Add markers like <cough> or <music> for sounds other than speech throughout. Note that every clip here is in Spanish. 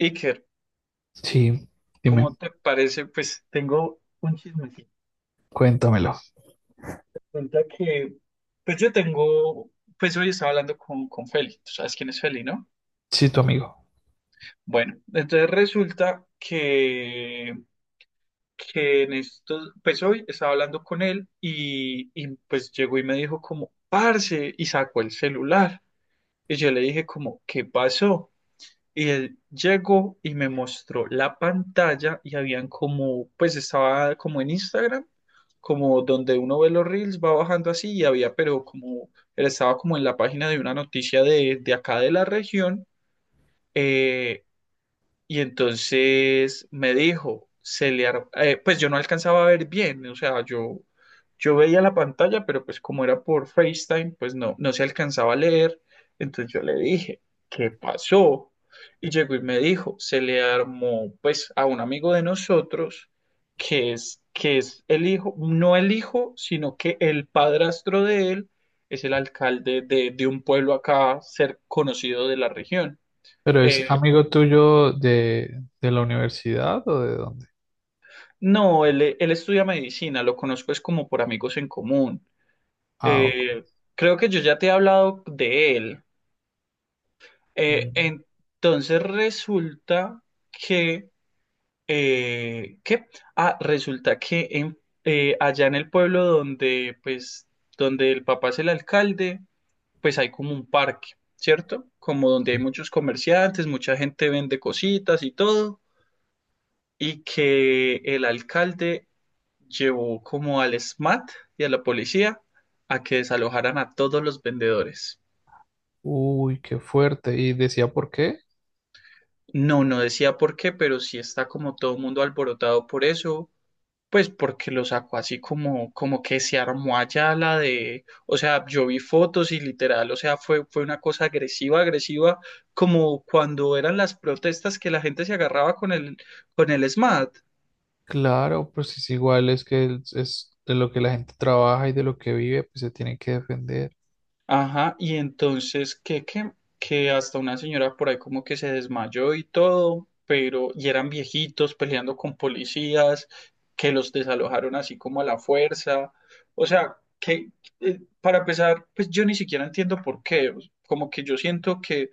Iker, Sí, dime, ¿cómo te parece? Pues tengo un chismecito. cuéntamelo. Resulta que, pues yo tengo, pues hoy estaba hablando con Feli. Tú sabes quién es Feli, ¿no? Sí, tu amigo. Bueno, entonces resulta que en estos, pues hoy estaba hablando con él y pues llegó y me dijo como, parce, y sacó el celular. Y yo le dije como, ¿qué pasó? Y él llegó y me mostró la pantalla y habían como, pues estaba como en Instagram, como donde uno ve los reels, va bajando así y había, pero como, él estaba como en la página de una noticia de acá de la región. eh, y entonces me dijo, pues yo no alcanzaba a ver bien, o sea, yo veía la pantalla, pero pues como era por FaceTime, pues no, no se alcanzaba a leer. Entonces yo le dije, ¿qué pasó? Y llegó y me dijo, se le armó pues a un amigo de nosotros, que es el hijo, no el hijo, sino que el padrastro de él es el alcalde de un pueblo acá, ser conocido de la región. Pero ¿es eh, amigo tuyo de la universidad o de dónde? No, él, él estudia medicina, lo conozco es como por amigos en común. Ah, ok. Eh, Creo que yo ya te he hablado de él. Mm, Entonces resulta que, ¿qué? Ah, allá en el pueblo donde, pues, donde el papá es el alcalde, pues hay como un parque, ¿cierto? Como donde hay sí. muchos comerciantes, mucha gente vende cositas y todo, y que el alcalde llevó como al SMAT y a la policía a que desalojaran a todos los vendedores. Uy, qué fuerte. ¿Y decía por qué? No, no decía por qué, pero sí está como todo el mundo alborotado por eso, pues porque lo sacó así como, como que se armó allá la de, o sea, yo vi fotos y literal, o sea, fue, fue una cosa agresiva, agresiva, como cuando eran las protestas que la gente se agarraba con el SMAT. Claro, pues es igual, es que es de lo que la gente trabaja y de lo que vive, pues se tiene que defender. Ajá, y entonces que hasta una señora por ahí como que se desmayó y todo, pero y eran viejitos peleando con policías, que los desalojaron así como a la fuerza. O sea, que para empezar, pues yo ni siquiera entiendo por qué. Como que yo siento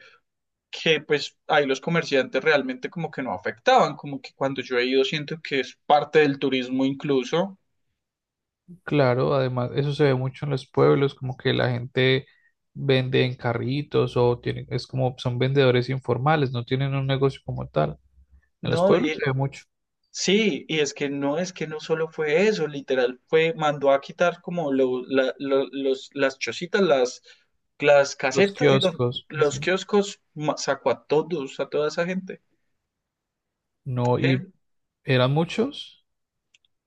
que pues ahí los comerciantes realmente como que no afectaban, como que cuando yo he ido siento que es parte del turismo incluso. Claro, además, eso se ve mucho en los pueblos, como que la gente vende en carritos o tiene, es como son vendedores informales, no tienen un negocio como tal. En los ¿No? pueblos se ve mucho, Sí, y es que no solo fue eso, literal, fue, mandó a quitar como los, las chocitas, las los casetas, kioscos, los ujú, kioscos, sacó a todos, a toda esa gente. no, y eran muchos,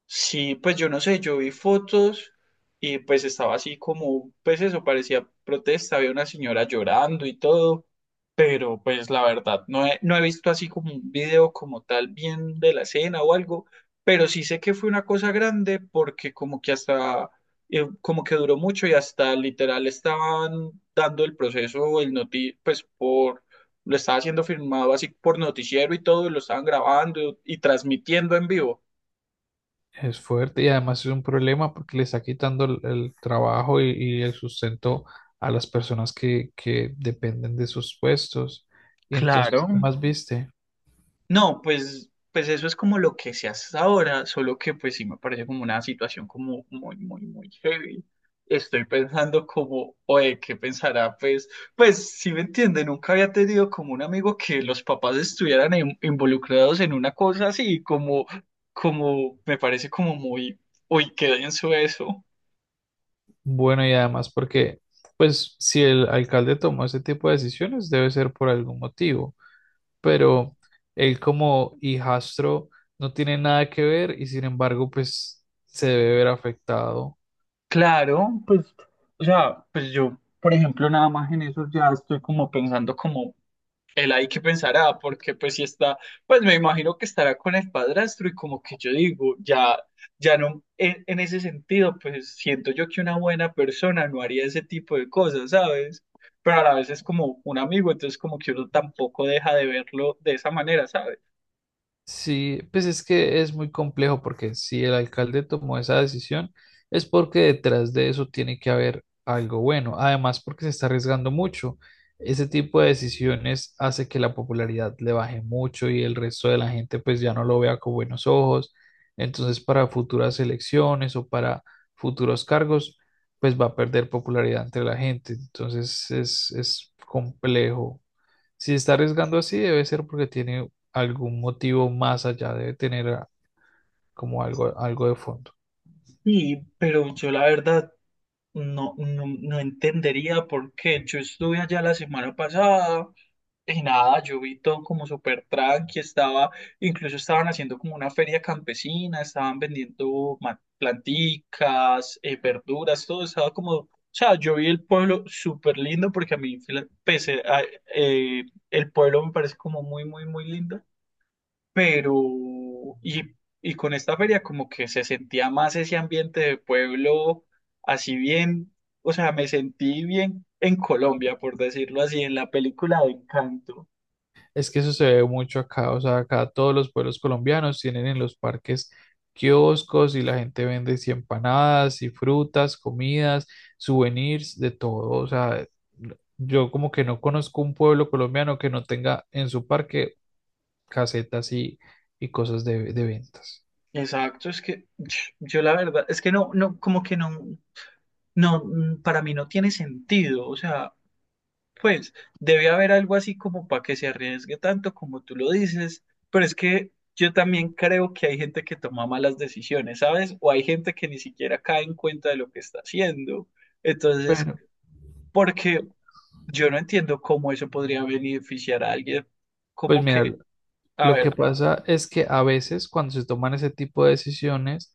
Sí, pues yo no sé, yo vi fotos y pues estaba así como, pues eso parecía protesta, había una señora llorando y todo, pero pues la verdad no he visto así como un video como tal bien de la escena o algo, pero sí sé que fue una cosa grande porque como que hasta, como que duró mucho y hasta literal estaban dando el proceso, el noti, pues por, lo estaba siendo filmado así por noticiero y todo, y lo estaban grabando y transmitiendo en vivo. es fuerte y además es un problema porque le está quitando el trabajo y el sustento a las personas que dependen de sus puestos. Y entonces, Claro, ¿qué más viste? no, pues, pues eso es como lo que se hace ahora, solo que pues sí me parece como una situación como muy, muy, muy heavy. Estoy pensando como, oye, ¿qué pensará? Pues, pues si me entiende, nunca había tenido como un amigo que los papás estuvieran involucrados en una cosa así, como, como, me parece como muy, uy, qué denso eso. Bueno, y además porque, pues, si el alcalde tomó ese tipo de decisiones, debe ser por algún motivo, pero él como hijastro no tiene nada que ver y sin embargo, pues, se debe ver afectado. Claro, pues, o sea, pues yo, por ejemplo, nada más en eso ya estoy como pensando como él ahí que pensará, porque pues si está, pues me imagino que estará con el padrastro y como que yo digo, ya, ya no, en ese sentido, pues siento yo que una buena persona no haría ese tipo de cosas, ¿sabes? Pero a la vez es como un amigo, entonces como que uno tampoco deja de verlo de esa manera, ¿sabes? Sí, pues es que es muy complejo porque si el alcalde tomó esa decisión es porque detrás de eso tiene que haber algo bueno. Además, porque se está arriesgando mucho. Ese tipo de decisiones hace que la popularidad le baje mucho y el resto de la gente pues ya no lo vea con buenos ojos. Entonces, para futuras elecciones o para futuros cargos, pues va a perder popularidad entre la gente. Entonces, es complejo. Si está arriesgando así, debe ser porque tiene algún motivo más allá, debe tener como algo, algo de fondo. Y, pero yo la verdad no, no, no entendería por qué. Yo estuve allá la semana pasada. Y nada, yo vi todo como súper tranqui, estaba, incluso estaban haciendo como una feria campesina, estaban vendiendo planticas, verduras, todo estaba como, o sea, yo vi el pueblo súper lindo porque a mí, eh, el pueblo me parece como muy, muy, muy lindo, pero, y, y con esta feria como que se sentía más ese ambiente de pueblo, así bien, o sea, me sentí bien en Colombia, por decirlo así, en la película de Encanto. Es que eso se ve mucho acá, o sea, acá todos los pueblos colombianos tienen en los parques kioscos y la gente vende sí, empanadas y frutas, comidas, souvenirs, de todo. O sea, yo como que no conozco un pueblo colombiano que no tenga en su parque casetas y cosas de ventas. Exacto, es que <sniffs> <tsk> yo la verdad, es que no, no, como que no, no, para mí no tiene sentido, o sea, pues debe haber algo así como para que se arriesgue tanto como tú lo dices, pero es que yo también creo que hay gente que toma malas decisiones, ¿sabes? O hay gente que ni siquiera cae en cuenta de lo que está haciendo, entonces, Bueno, porque yo no entiendo cómo eso podría beneficiar a alguien, pues como mira, que, a lo que ver, pasa es que a veces cuando se toman ese tipo de decisiones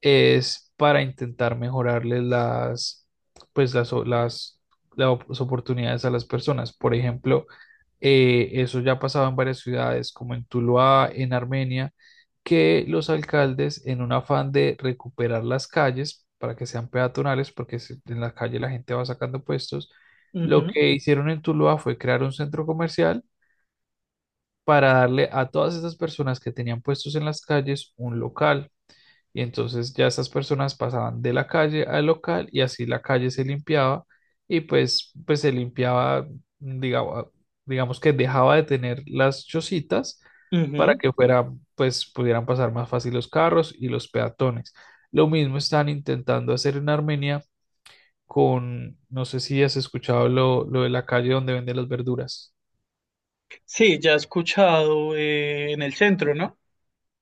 es para intentar mejorarles las, pues las, las, las oportunidades a las personas. Por ejemplo, eso ya ha pasado en varias ciudades, como en Tuluá, en Armenia, que los alcaldes, en un afán de recuperar las calles para que sean peatonales, porque en la calle la gente va sacando puestos, lo ujú, que hicieron en Tuluá fue crear un centro comercial para darle a todas esas personas que tenían puestos en las calles un local. Y entonces ya esas personas pasaban de la calle al local y así la calle se limpiaba y pues, pues se limpiaba, digamos, digamos que dejaba de tener las chocitas para ujú. que fuera, pues pudieran pasar más fácil los carros y los peatones. Lo mismo están intentando hacer en Armenia con, no sé si has escuchado lo de la calle donde venden las verduras. Sí, ya he escuchado en el centro, ¿no?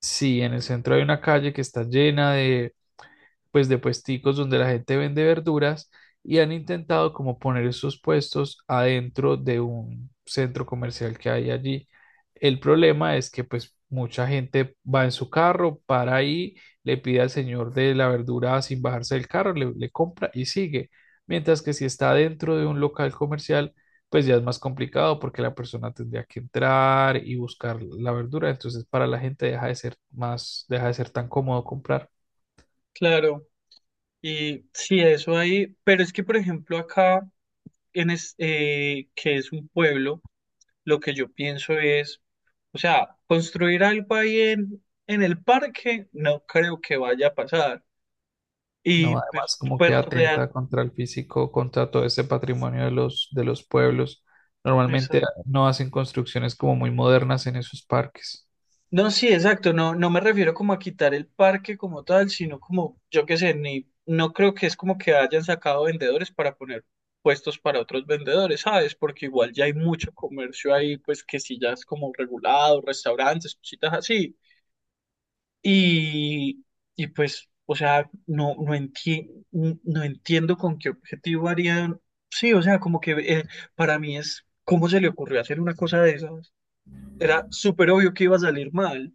Sí, en el centro hay una calle que está llena de pues de puesticos donde la gente vende verduras y han intentado como poner esos puestos adentro de un centro comercial que hay allí. El problema es que pues mucha gente va en su carro, para ahí, le pide al señor de la verdura sin bajarse del carro, le compra y sigue. Mientras que si está dentro de un local comercial, pues ya es más complicado porque la persona tendría que entrar y buscar la verdura. Entonces para la gente deja de ser más, deja de ser tan cómodo comprar. Claro, y sí, eso ahí, pero es que por ejemplo acá, que es un pueblo, lo que yo pienso es, o sea, construir algo ahí en el parque no creo que vaya a pasar. Y No, además pues, como que pues real, atenta contra el físico, contra todo ese patrimonio de los pueblos. pues, Normalmente no hacen construcciones como muy modernas en esos parques. no, sí, exacto. No, no me refiero como a quitar el parque como tal, sino como, yo qué sé, ni, no creo que es como que hayan sacado vendedores para poner puestos para otros vendedores, ¿sabes? Porque igual ya hay mucho comercio ahí, pues que sí ya es como regulado, restaurantes, cositas así. Y, y pues, o sea, no entiendo con qué objetivo harían. Sí, o sea, como que para mí es, ¿cómo se le ocurrió hacer una cosa de esas? Era súper obvio que iba a salir mal.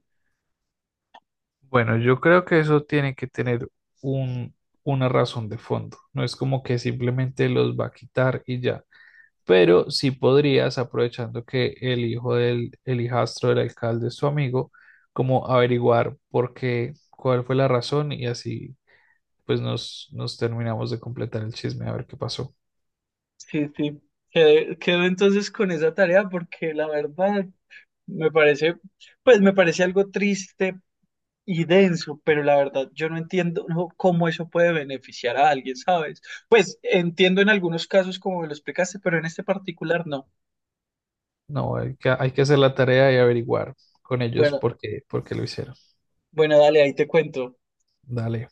Bueno, yo creo que eso tiene que tener un, una razón de fondo. No es como que simplemente los va a quitar y ya. Pero sí podrías, aprovechando que el hijo del, el hijastro del alcalde es tu amigo, como averiguar por qué, cuál fue la razón y así pues nos, nos terminamos de completar el chisme a ver qué pasó. Sí, sí, quedo entonces con esa tarea porque la verdad me parece, pues me parece algo triste y denso, pero la verdad yo no entiendo no, cómo eso puede beneficiar a alguien, ¿sabes? Pues entiendo en algunos casos como me lo explicaste, pero en este particular no. No, hay que hacer la tarea y averiguar con ellos Bueno, por qué lo hicieron. bueno, dale, ahí te cuento. Dale.